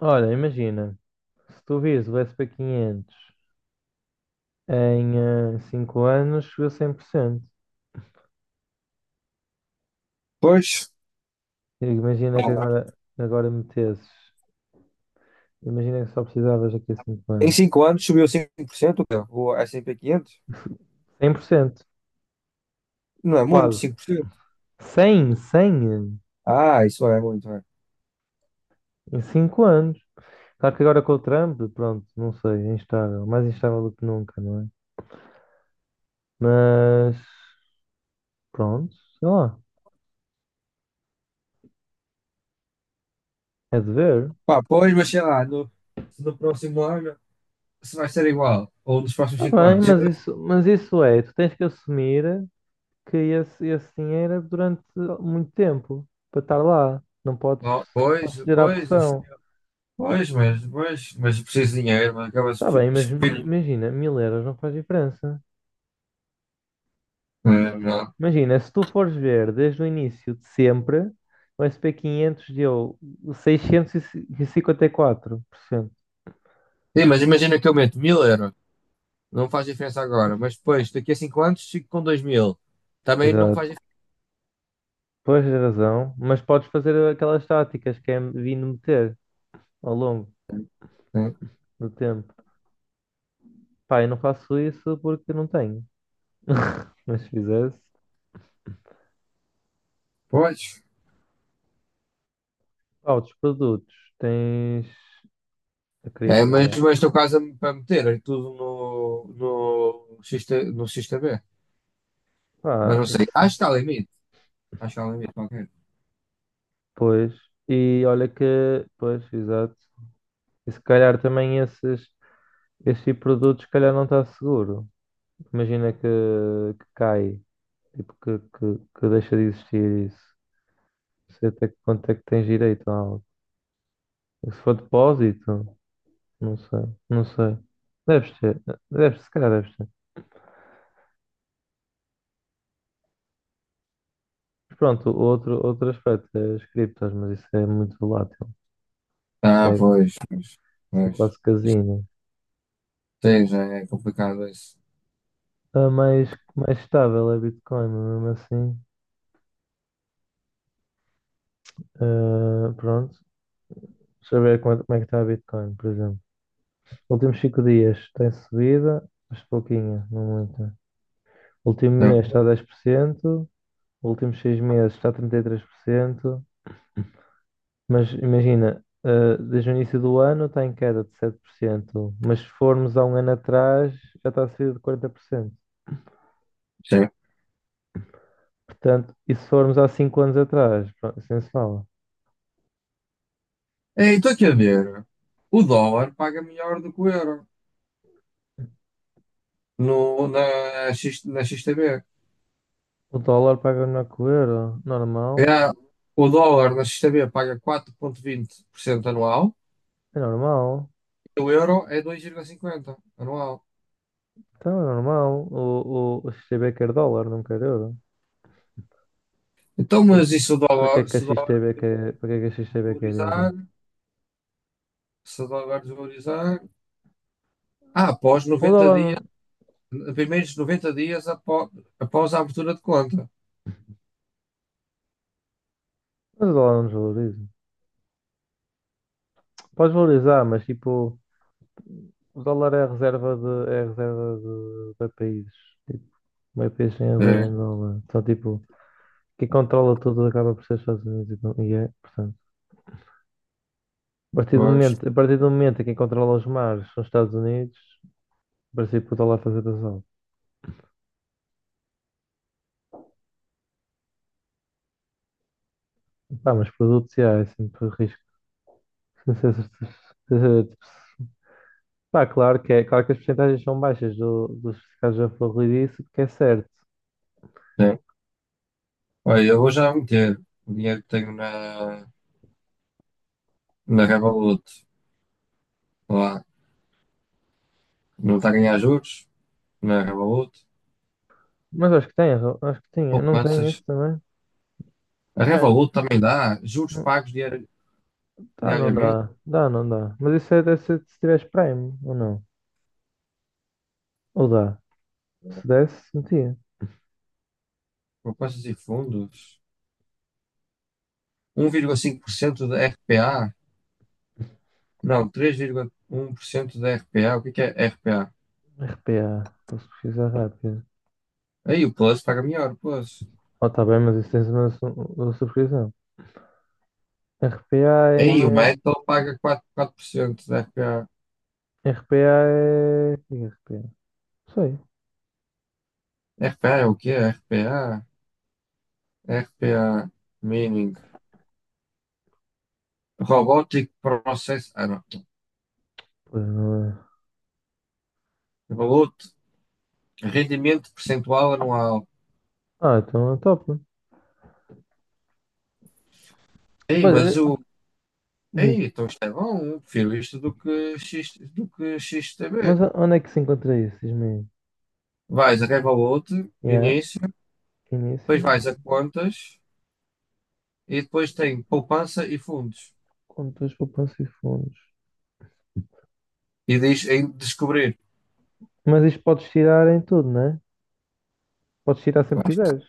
Olha, imagina, se tu vires o SP500 em 5 anos, chegou a 100%. Pois, E imagina que agora, metesses, imagina que só precisavas daqui a 5 em anos. 5 anos subiu 5%, cara, o S e P quinhentos. Cem por cento, Não é muito, quase. 5%. Cem Ah, isso é muito, é. em cinco anos. Claro que agora com o Trump, pronto, não sei, é instável, mais instável do que nunca, não é? Mas, pronto, sei lá, é de ver. Pá, pois, mas sei lá, no próximo ano, se vai ser igual, ou nos próximos Está 5 bem, anos. Sei mas lá. isso é, tu tens que assumir. Esse dinheiro é durante muito tempo para estar lá. Não podes, Não, não pois, podes ceder à pois, isso, pressão. pois, mas eu preciso de dinheiro, mas acaba-se. Está bem, mas imagina, mil euros não faz diferença. É, não. Imagina, se tu fores ver desde o início de sempre, o SP500 deu 654%. Sim, mas imagina que eu meto 1000 euros, não faz diferença agora, mas depois, daqui a 5 anos, fico com 2000. Também não Exato, faz diferença. pois tens razão, mas podes fazer aquelas táticas que é vindo meter ao longo Né? do tempo. Pá, eu não faço isso porque não tenho. Mas se fizesse. Pois. Ah, outros produtos. Tens a É, cripto, mas, é. mas estou quase para meter aí tudo no X T B. Mas Pá, não sei. se- Acho que está limite. Acho que está limite qualquer. Pois. E olha que, pois, exato. E se calhar também esse tipo de produtos, se calhar não está seguro. Imagina que cai, tipo, que deixa de existir isso. Não sei até que quanto é que tens direito a algo. Se for depósito, não sei, não sei. Deves ter, se calhar deves ter. Mas pronto, outro aspecto é as criptos, mas isso é muito volátil. Ah, pois, pois, Isso é pois. quase casino. Sim, já é complicado isso. A mais, Mais estável é Bitcoin, mas mesmo assim. Ah, pronto. Deixa eu ver como é que está a Bitcoin, por exemplo. Últimos 5 dias tem subida, mas pouquinha, não muita. Último Não, mês está a 10%. Últimos 6 meses está a 33%. Mas imagina, desde o início do ano está em queda de 7%. Mas se formos há um ano atrás já está a subida de 40%. sim. Portanto, e se formos há 5 anos atrás, pronto, isso se fala. Ei, estou aqui a ver. O dólar paga melhor do que o euro no, na X T B. O dólar paga melhor que o euro. Normal. É, o dólar na X T B paga 4,20% anual É normal. e o euro é 2,50% anual. Então é normal. O XTB quer dólar, não quer euro. Então, mas e se o Para que dólar, é se o que a dólar XTB quer, Para que é que a XTB quer euro? valorizar? Se o dólar desvalorizar. Ah, após O 90 dólar dias, não, primeiros 90 dias após a abertura de conta. Mas o dólar não desvaloriza. Pode valorizar, mas tipo, o dólar é é a reserva de países. Tipo, meio país tem a reserva É, em dólar. Então, tipo, quem controla tudo acaba por ser os Estados Unidos. E é, portanto, pois. A partir do momento em que quem controla os mares são os Estados Unidos, em princípio o dólar faz a razão. Pá, mas produtos, yeah, é sempre risco. Tipo, pá, claro claro que as percentagens são baixas dos casos da Florridice, porque é certo. É. Olha, eu vou já meter o dinheiro que tenho na Revolut. Lá. Não está a ganhar juros na Revolut. Mas acho que tem, erro, acho que tinha. Não tem isso Poupanças. também? A Bem, Revolut também dá juros não, pagos tá, não diariamente. dá. Dá, não dá. Mas isso é, deve ser se tiveres Prime, ou não? Ou dá? Se desse, metia. Poupanças e fundos. 1,5% da RPA. Não, 3,1% da RPA. O que é RPA? RPA, posso pesquisar rápido. Aí o Plus paga melhor, o Plus. Oh, tá bem, mas isso tens uma subscrição. RPA Ei, em. como o eh, Metal paga 4%, 4% da RPA. RPA é. O que é RPA? Não sei. RPA é o quê? RPA? RPA meaning Robotic Process. Ah, não. Pois não é. Roboto, rendimento percentual anual. Ah, então é top. Ei, Pois é, mas o. diz. Ei, então isto é bom. Prefiro isto do que XTB. Mas onde é que se encontra isso? Diz-me aí. Vais a Revolut, Yeah, início, depois início, vais a contas e depois tem poupança e fundos. contas, poupança e fundos. E diz em descobrir. Mas isto podes tirar em tudo, né? Podes tirar sempre que Mas, quiseres.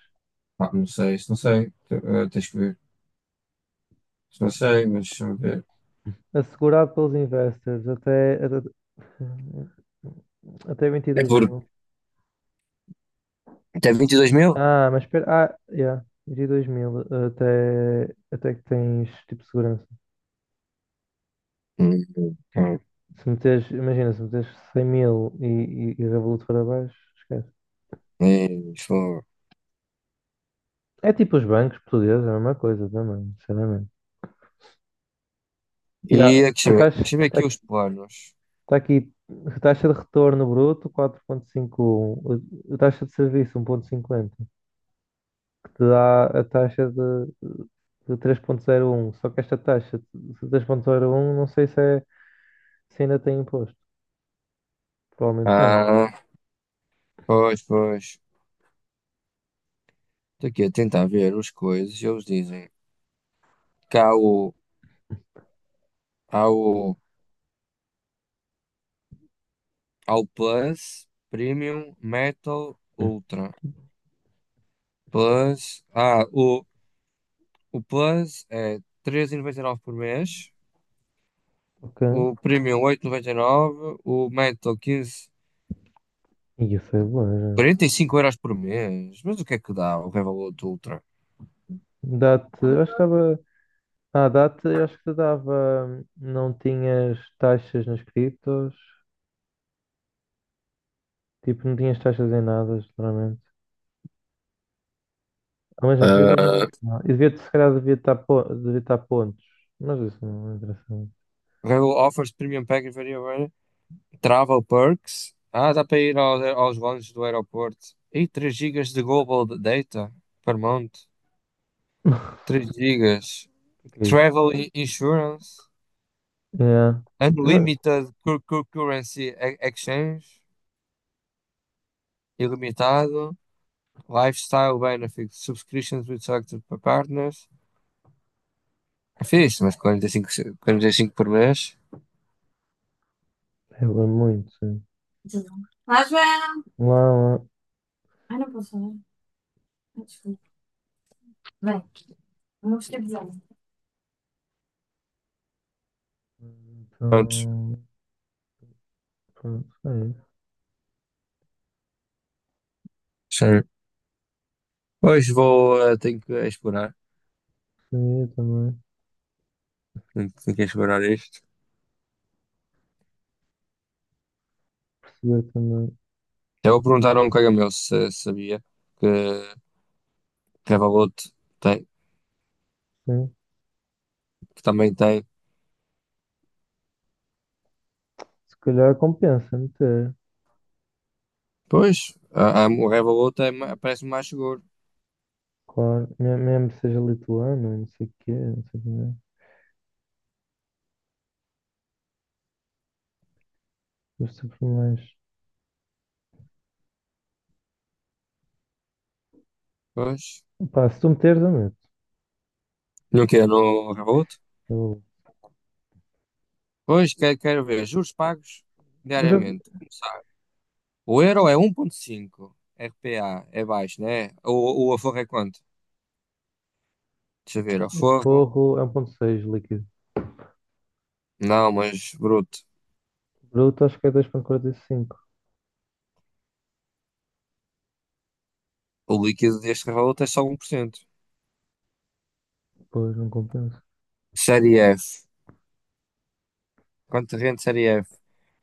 pá, não sei, isso não sei. Tens que ver. Isso não sei, mas deixa-me ver. Assegurado pelos investors até É 22 por. mil. Até 22 mil? Ah, mas espera. Ah, yeah, 22 mil até que tens tipo segurança. Hum, hum. Se meteres 100 mil e Revolut para baixo, esquece. Isso. É tipo os bancos portugueses, é a mesma coisa também, sinceramente. Yeah. E aqui, deixa A eu ver taxa, deixa eu ver tá aqui aqui, os planos. Tá aqui, a taxa de retorno bruto 4.51, a taxa de serviço 1,50, que te dá a taxa de 3,01. Só que esta taxa de 3,01 não sei se ainda tem imposto. Provavelmente tem. Ah, pois, pois. Estou aqui a tentar ver as coisas e eles dizem que há o, há o Plus, Premium, Metal, Hum. Ultra. Plus, ah, o, o Plus é 13,99 por mês, Ok. o Premium 8,99, o Metal quinze, E isso é bom, já. 45 euros por mês. Mas o que é que dá o Revolut Ultra? Dá-te, eu acho que estava. Ah, dá-te, eu acho que te dava. Não tinhas taxas nas criptos, tipo, não tinhas taxas em nada, geralmente. Não, mas as crianças não têm. Não. E devia, se calhar devia estar, devia estar pontos. Mas isso não interessa muito. Rail offers premium package for variable, travel perks. Ah, dá para ir aos lounges do aeroporto. E 3 gigas de global data per month. 3 gigas. O que é isso? Travel insurance. É. Mas Unlimited currency exchange. Ilimitado. Lifestyle benefits. Subscriptions with selected partners. É fixe, mas 45, 45 por mês. é muito, sim. Lá, Joana. Lá, lá. Ai, não posso falar. Ah, desculpa. Bem, vamos ter de. Pronto. Então, pronto, é isso. Já. Hoje vou, tenho que explorar, Seria também. tenho, tenho que explorar isto. Perceber também. Já vou perguntar a um colega meu se sabia que Revolut tem, Sim. que também tem. Se calhar compensa meter. Pois, o Revolut é, parece-me mais seguro. Claro. Mesmo que seja lituano, não sei o quê, não sei o quê. Mas sempre mais. Pois, Pá, se tu meteres, eu meto. não quero no Revolut? Eu- Pois, quero ver juros pagos Mas eu... diariamente. Começar. O euro é um 1,5, RPA é baixo, né? O aforro é quanto? Deixa eu ver, aforro. Forro é 1.6 líquido. Não, mas bruto. Bruto acho que é 2,45. O líquido deste Revolut é só 1%. Pois, não compensa. Série F. Contingente Série F,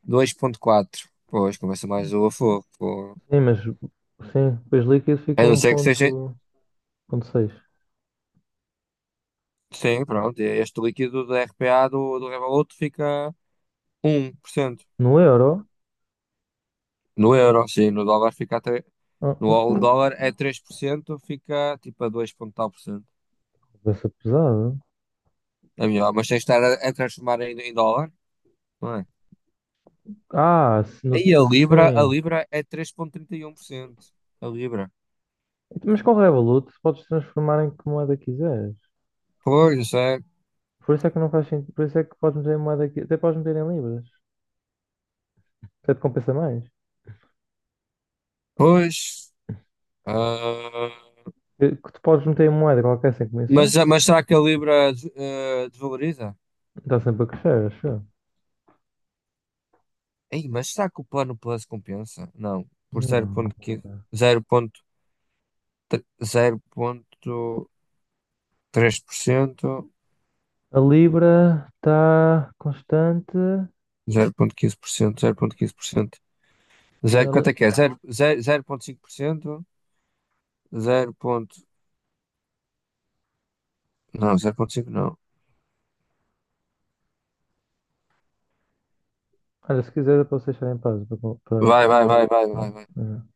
2,4. Pois, começa mais o a fogo. Pô. Sim, sim, depois líquido fica A não ser que seja. Ponto seis. Sim, pronto. Este líquido do RPA do Revolut fica 1%. No euro? No euro, sim. No dólar fica a 3%. No Hum, ao hum. dólar é 3%, fica tipo a 2 ponto tal por cento. Essa pesada. É melhor, mas tens de estar a transformar em dólar, não é? Ah, se E no- a Libra, a Sim. Libra é 3,31%. A Libra. Mas com o Revolut podes transformar em que moeda quiseres. Pois, isso é. Por isso é que não faz sentido. Por isso é que podes meter em moeda aqui. Até podes meter em libras. Até te compensa mais. Pois. Ah. Que tu podes meter em moeda qualquer sem comissão. Mas será que a Libra desvaloriza? Está sempre a crescer, acho eu. Ei, mas será que o plano Plus compensa? Não, por Não. 0,15, 0,3, 0,3%, 0,15%, 0,15%. Zero, ponto três por cento, A Libra está constante. zero ponto quinze por cento, zero ponto quinze por cento. Zero Olha, quanto li- é que é? Zero ponto cinco por cento, zero ponto não, 0,5 não. Olha, se quiser, eu posso deixar em paz. Para, Vai, para, vai, vai, vai, vai, vai. para,